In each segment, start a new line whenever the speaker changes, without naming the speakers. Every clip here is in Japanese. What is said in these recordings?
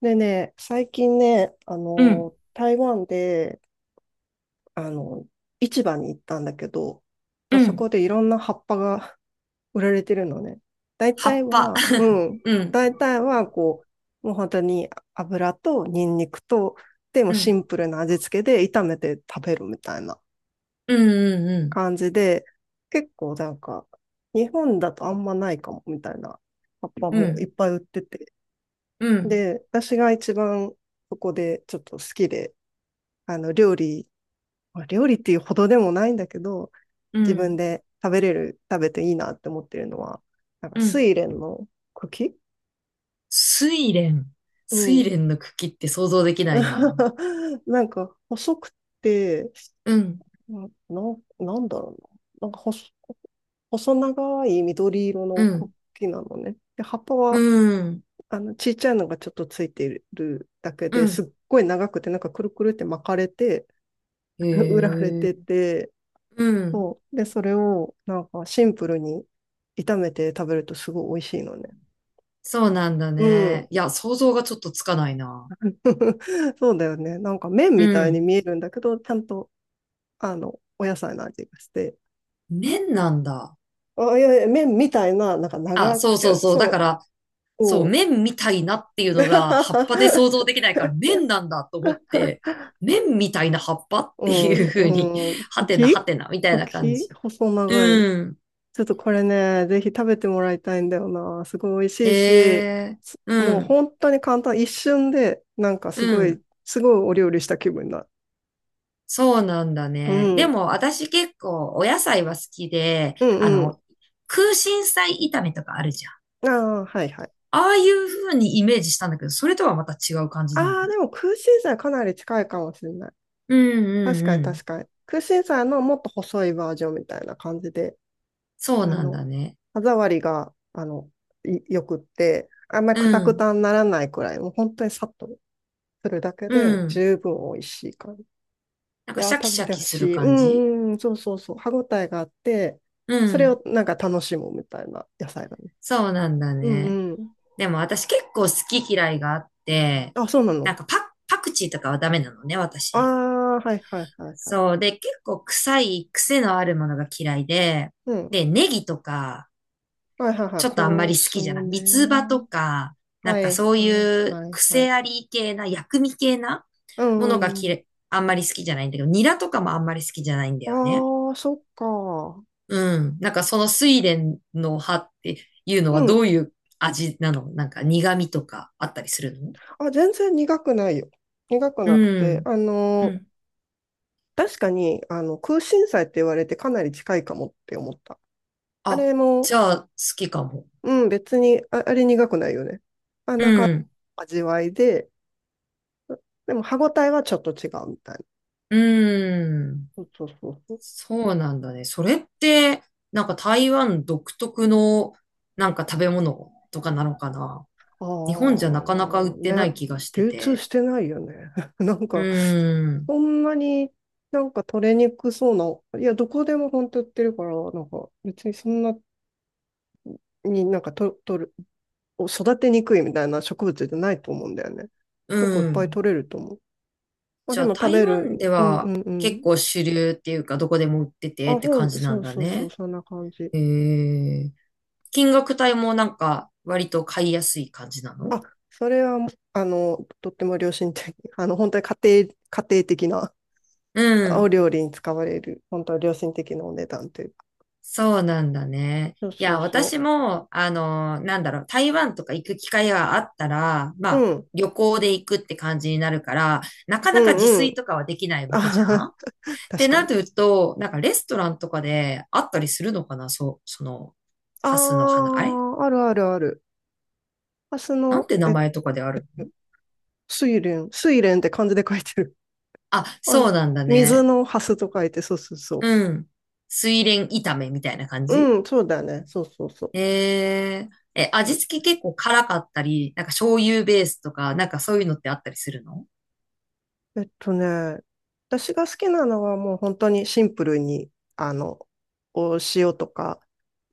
でね、最近ね、
うん、
台湾で、あの、市場に行ったんだけど、まあ
う
そ
ん、
こでいろんな葉っぱが 売られてるのね。大
葉
体
っぱ。
は、う ん、
うん、
大体は、こう、もう本当に油とニンニクと、でも
う
シ
ん、
ンプルな味付けで炒めて食べるみたいな
うん、うん、
感じで、結構なんか、日本だとあんまないかもみたいな葉っぱ
う
もい
ん、
っぱい売ってて。
うん、うん、
で、私が一番そこでちょっと好きで、あの、料理、料理っていうほどでもないんだけど、
う
自分
ん、
で食べれる、食べていいなって思ってるのは、なんか、
うん。
睡蓮の茎
睡蓮。
う
睡
ん。
蓮の茎って想像できないな。
なんか、細くて、
うん、
な、なんなんだろうな。なんか細長い緑色
う
の
ん、
茎なのね。で、葉っぱ
う
は、
ん、
ちっちゃいのがちょっとついてるだけ
う
です
ん。
っごい長くて、なんかくるくるって巻かれて、
へ
売られ
え。
てて、
うん。
そう。で、それをなんかシンプルに炒めて食べるとすごい美味しいのね。
そうなんだ
う
ね。
ん。
いや、想像がちょっとつかないな。
そうだよね。なんか麺
う
みたいに
ん。
見えるんだけど、ちゃんとお野菜の味がして。
面なんだ。
あ、いやいや、麺みたいな、なんか
あ、
長
そ
く
うそう
て、
そう。だか
そ
ら、
う、
そう、
おう。
麺みたいなっていうのが葉っぱで想像 できないから麺なんだと思って、麺みたいな葉っぱっ
う
ていう風に、
ん、う
は
ん、
てなは
茎
てなみたいな感
茎
じ。
細長い。
うん。
ちょっとこれね、ぜひ食べてもらいたいんだよな。すごい美味し
へ
いし、
え、う
もう
ん、
本当に簡単、一瞬で、なんかす
う
ごい、
ん。
すごいお料理した気分になる。
そうなんだ
う
ね。で
ん。
も私結構お野菜は好きで、
うん
あ
うん。
の、空心菜炒めとかあるじゃん。
ああ、はいはい。
ああいう風にイメージしたんだけど、それとはまた違う感じ
あ
なのね。
あ、でも空心菜かなり近いかもしれない。
うんう
確
ん
か
う
に
ん。
確かに。空心菜のもっと細いバージョンみたいな感じで、
そ
あ
うなん
の、
だね。
歯触りが、いよくって、あんまり
う
クタク
ん、
タにならないくらい、もう本当にさっとするだけ
う
で
ん。
十分美味しい。い
なんか
や
シ
ー、
ャキ
食
シ
べ
ャ
て
キ
ほ
す
し
る
い。う
感じ。
んうん、そうそうそう。歯ごたえがあって、
う
それ
ん。
をなんか楽しむみたいな野菜だね。
そうなんだ
うん
ね。
うん。
でも私結構好き嫌いがあって、
あ、そうな
な
の。
んかパクチーとかはダメなのね、
あ
私。
あ、はいはいはいはい。
そう。で、結構臭い癖のあるものが嫌いで、
うん。
で、ネギとか、
はいはいはい。
ちょっとあんま
香
り好
草
きじゃない。三つ葉と
ね。
か、なん
は
か
い
そうい
はい
う
はいはい。
癖あり系な、薬味系な
う
ものが
んう
嫌
ん。
い、あんまり好きじゃないんだけど、ニラとかもあんまり好きじゃないんだよね。
ああ、そっか。
うん。なんかその睡蓮の葉っていうのは
う
ど
ん。
ういう味なの？なんか苦味とかあったりするの？
あ、全然苦くないよ。苦く
う
なくて、
ん。うん。
確かに、空心菜って言われてかなり近いかもって思った。あ
あ、
れ
じ
も、
ゃあ好きかも。
うん、別に、あ、あれ苦くないよね。
うん。
味わいで、でも歯ごたえはちょっと違うみたい
うん。
な。そうそうそうそ
そうなんだね。それって、なんか台湾独特のなんか食べ物とかなのかな？
う。
日本じゃなかなか売って
あ
な
あ、ね。
い気がして
流通
て。
してないよね。なん
う
か、
ん。
そんなになんか取れにくそうな、いや、どこでも本当売ってるから、なんか別にそんなになんかと取る、育てにくいみたいな植物じゃないと思うんだよね。
う
結構いっぱい
ん。
取れると思う。あ、
じ
で
ゃあ
も食
台
べ
湾
る。
で
うんう
は
んう
結
ん。
構主流っていうかどこでも売ってて
あ、
って感じな
そ
ん
う
だ
そうそう、
ね。
そんな感じ。
へえ。金額帯もなんか割と買いやすい感じなの？
あ、それは、とっても良心的。本当に家庭的な
う
お
ん。
料理に使われる、本当は良心的なお値段というか。
そうなんだね。
そう
い
そ
や、
う
私
そ
も、あの、なんだろう、台湾とか行く機会があったら、ま
う。
あ、
うん、
旅行で行くって感じになるから、なか
う
なか自
ん、う
炊
ん。
とかはできないわけじゃん
あ
っ て
確か
な
に。
ると、なんかレストランとかであったりするのかな？そう、その、ハスの
あ
花、あれ
あ、あるあるある。ハス
なん
の、
て名
え、
前とかであるの？
睡蓮。睡蓮って漢字で書いてる。
あ、
あの、
そうなんだ
水
ね。
のハスと書いて、そうそうそ
うん。水蓮炒めみたいな感
う。
じ？
うん、そうだね。そうそうそう。
えー、え、味付け結構辛かったり、なんか醤油ベースとか、なんかそういうのってあったりするの？
えっとね、私が好きなのはもう本当にシンプルに、あの、お塩とか、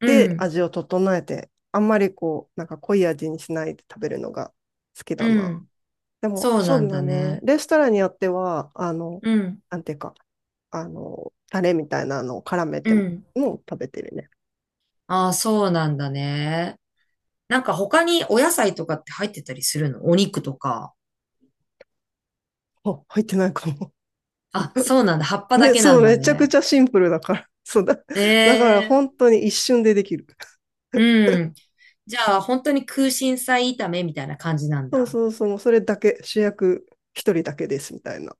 う
で
ん、
味を整えて、あんまりこう、なんか濃い味にしないで食べるのが好きだ
う
な。
ん。
でも、
そう
そ
な
う
ん
だ
だ
ね。
ね。
レストランによっては、
うん、
なんていうか、タレみたいなのを絡め
う
ても、
ん。
もう食べてるね。
ああ、そうなんだね。なんか他にお野菜とかって入ってたりするの？お肉とか。
あ、入ってないかも。
あ、そうなんだ。葉っ ぱだけな
そ
ん
う、
だ
めちゃくち
ね。
ゃシンプルだから。そうだ。だから本
ええ、
当に一瞬でできる。
うん。じゃあ、本当に空心菜炒めみたいな感じなん
そう
だ。
そうそう、もうそれだけ、主役一人だけですみたいな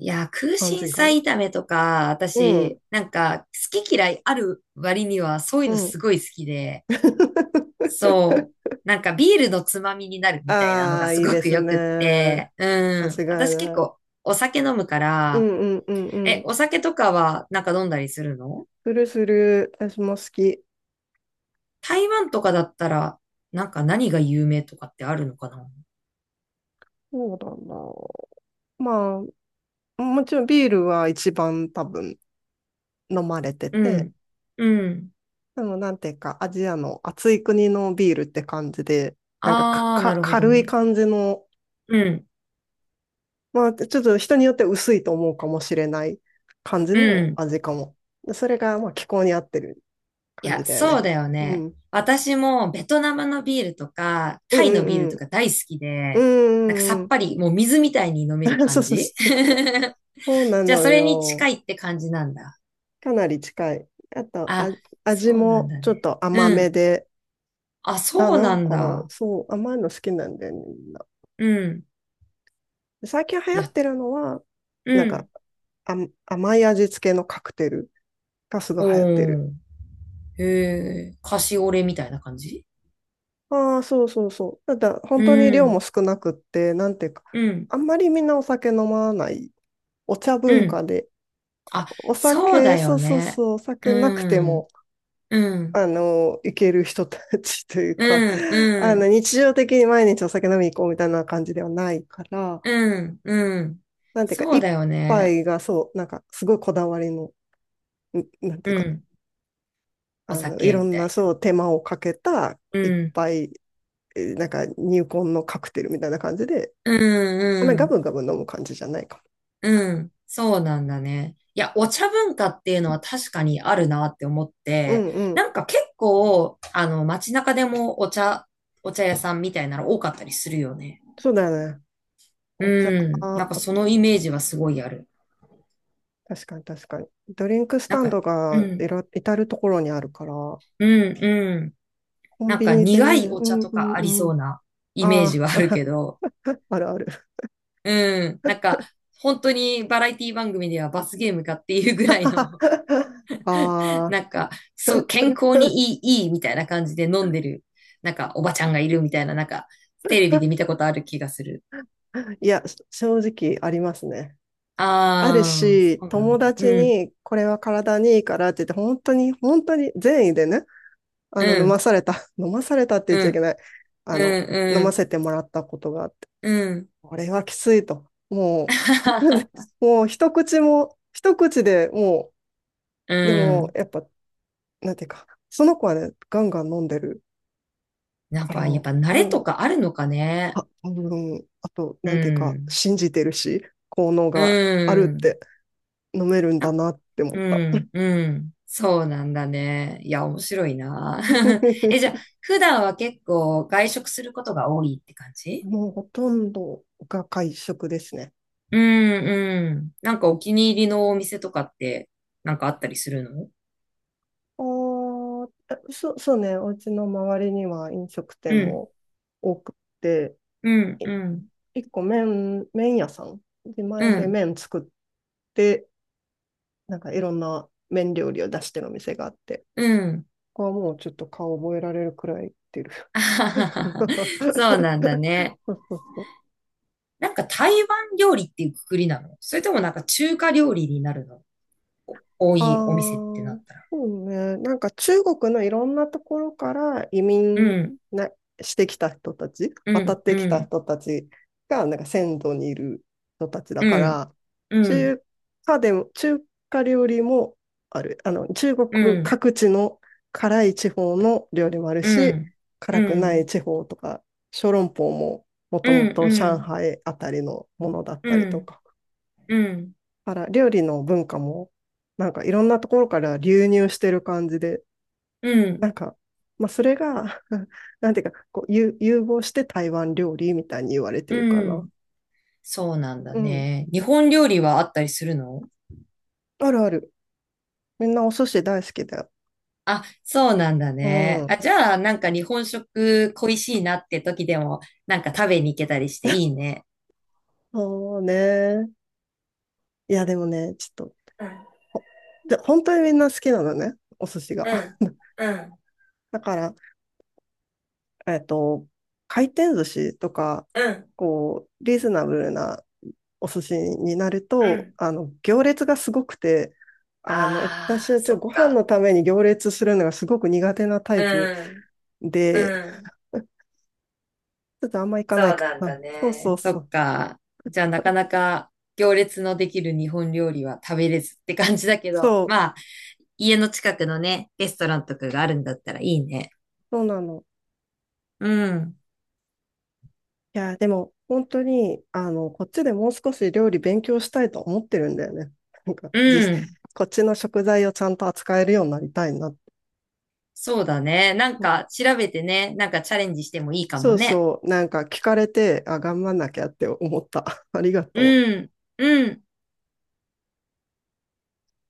いやー、空
感
心
じか
菜
も。
炒めとか、
うん、
私、なんか、好き嫌いある割には、そういう
う
の
ん。
すごい好きで、そう、なんかビールのつまみになるみたいなの
あ
が
あ、
す
いい
ご
で
く
す
よ
ね。
くって、う
間違
ん、
い
私結
ない。
構お酒飲むか
う
ら、
んうんうんう
え、
ん。
お酒とかはなんか飲んだりするの？
するする。私も好き。
台湾とかだったら、なんか何が有名とかってあるのかな？
そうだな。まあ、もちろんビールは一番多分飲まれて
う
て、
ん、うん。
でもなんていうか、アジアの暑い国のビールって感じで、なんか、か、
あー、
か
なるほど
軽い
ね。
感じの、
うん、
まあ、ちょっと人によって薄いと思うかもしれない感じ
う
の
ん。
味かも。でそれが、まあ、気候に合ってる
い
感
や、
じだよ
そう
ね。
だよ
う
ね。
ん。
私もベトナムのビールとか、
うん
タイのビール
うんう
と
ん。
か大好き
うん
で、なんかさ
うんう
っ
ん。
ぱり、もう水みたいに飲める
そう
感
そう
じ。
そう。そうな
じゃあ、
の
それに
よ。
近いって感じなんだ。
かなり近い。あと、あ、
あ、
味
そうなん
も
だ
ちょっ
ね。
と甘
う
め
ん。
で、
あ、
あ、
そう
な
な
ん
ん
か、
だ。
そう、甘いの好きなんだよね、みんな。
うん。
最近流
い
行っ
や、
てるのは、
う
なんか、
ん。
あ、甘い味付けのカクテルがすごい
お
流行ってる。
ー。へえ、カシオレみたいな感じ？
ああ、そうそうそう。ただ、
う
本当に量も
ん。
少なくって、なんていうか、
うん。
あんまりみんなお酒飲まない。お茶
う
文
ん。
化で、
あ、
お
そう
酒、
だ
そ
よ
うそう
ね。
そう、お酒なくて
う
も、
ん。うん。
行ける人たちというか、
うん。うん。
日常的に毎日お酒飲みに行こうみたいな感じではないから、
うん、うん。
なんていうか、
そうだ
一
よね。
杯がそう、なんか、すごいこだわりの、なんて
う
いうか、
ん。お
い
酒
ろ
み
ん
た
な、
い
そう、手間をかけた
な。う
一
ん、
杯、なんか、入魂のカクテルみたいな感じで、
う
あんまり
ん、う
ガ
ん、
ブガブ飲む感じじゃないか
うん。そうなんだね。いや、お茶文化っていうのは確かにあるなって思っ
も。う
て、
んうん。
なんか結構、あの、街中でもお茶、お茶屋さんみたいなの多かったりするよね。
そうだよね。お茶、
うん。なんかそのイメージはすごいある。
確かに確かに。ドリンクス
なん
タン
か、
ド
う
が
ん、
至るところにあるから、コ
うん、うん。
ン
なん
ビ
か
ニで
苦
ね、
いお
う
茶
ん
と
う
かあり
んう
そ
ん。
うなイメージ
あ
はあるけど、
あ、あるある。
うん。なんか、本当にバラエティ番組では罰ゲームかっていうぐらいの、
あ あ、
なんか、そう、健康にいい、いいみたいな感じで飲んでる、なんか、おばちゃんがいるみたいな、なんか、テレビで見た ことある気がする。
いや、正直ありますね。ある
ああ、
し、
そうなん
友
だ。う
達
ん、
にこれは体にいいからって言って、本当に、本当に善意でね、
う
飲ま
ん、
された、飲まされたって言っちゃ
う
いけ
ん、
ない。
う
あの、飲
ん、う
ま
ん、
せてもらったことがあって、
うん。
これはきついと。もう、もう一口も、一口でも
う
う、でも、
ん。
やっぱ、なんていうか、その子はね、ガンガン飲んでる
やっ
から、
ぱ、やっぱ慣れと
お
かあるのかね。
あと、
う
なんていうか、
ん、
信じてるし、効能
う
があるって、
ん。
飲めるんだなって思
う
った。
ん、うん。そうなんだね。いや、面白いな。え、じゃあ、普段は結構外食することが多いって感じ？
もうほとんどが会食ですね。
うん、うん。なんかお気に入りのお店とかって、なんかあったりするの？
あーえそう、そうね、お家の周りには飲食
う
店
ん、
も多くて、
うん、
い
うん、
一個麺屋さん、自
う
前で
ん、
麺作って、なんかいろんな麺料理を出してるお店があって、
うん。
ここはもうちょっと顔覚えられるくらい行ってる。
あはははそ うなんだね。
そうそうそう。
なんか台湾料理っていうくくりなの？それともなんか中華料理になるの？多
あ
いお店っ
あ、
てなったら。
そうね。なんか中国のいろんなところから移
う
民
ん、
なしてきた人たち、
う
渡っ
ん、
てき
う
た
ん、
人たちが、なんか先祖にいる人たちだ
う
か
ん、
ら、
うん、
中華でも、中華料理もある。中
う
国
ん。
各地の辛い地方の料理もある
う
し、
ん、
辛
う
くない
ん、
地方とか、小籠包もも
う
とも
ん、
と
う
上
ん、
海あたりのものだった
う
りと
ん、
か。
うん、
から料理の文化も、なんかいろんなところから流入してる感じで、
うん、
なんか、まあそれが なんていうか、こう、融合して台湾料理みたいに言われてるか
う
な。
ん。そうなんだ
うん。
ね。日本料理はあったりするの？
あるある。みんなお寿司大好きだよ。
あ、そうなんだ
う
ね。あ、
ん。
じゃあ、なんか日本食恋しいなって時でも、なんか食べに行けたりしていいね。
そうね。いや、でもね、ちょっと、
うん、
ほで、本当にみんな好きなのね、お寿司が。
うん、うん、
だから、えっと、回転寿司とか、
うん、
こう、リーズナブルなお寿司になる
う
と、
ん。
行列がすごくて、私
ああ、
はちょっ
そ
とご
っ
飯の
か。
ために行列するのがすごく苦手なタイプ
うん、う
で、
ん。
ちょっとあんま行かない
そう
か
なん
な。
だ
そうそ
ね。
う
そ
そ
っ
う。
か。じゃあなかなか行列のできる日本料理は食べれずって感じだけど、
そう、
まあ、家の近くのね、レストランとかがあるんだったらいいね。
そうなの。
うん。
いや、でも本当に、こっちでもう少し料理勉強したいと思ってるんだよね。なんか、
うん。
こっちの食材をちゃんと扱えるようになりたいな。
そうだね。なんか調べてね、なんかチャレンジしてもいいかも
そう
ね。
そう、なんか聞かれて、あ、頑張んなきゃって思った。ありがと
う
う。
ん。うん。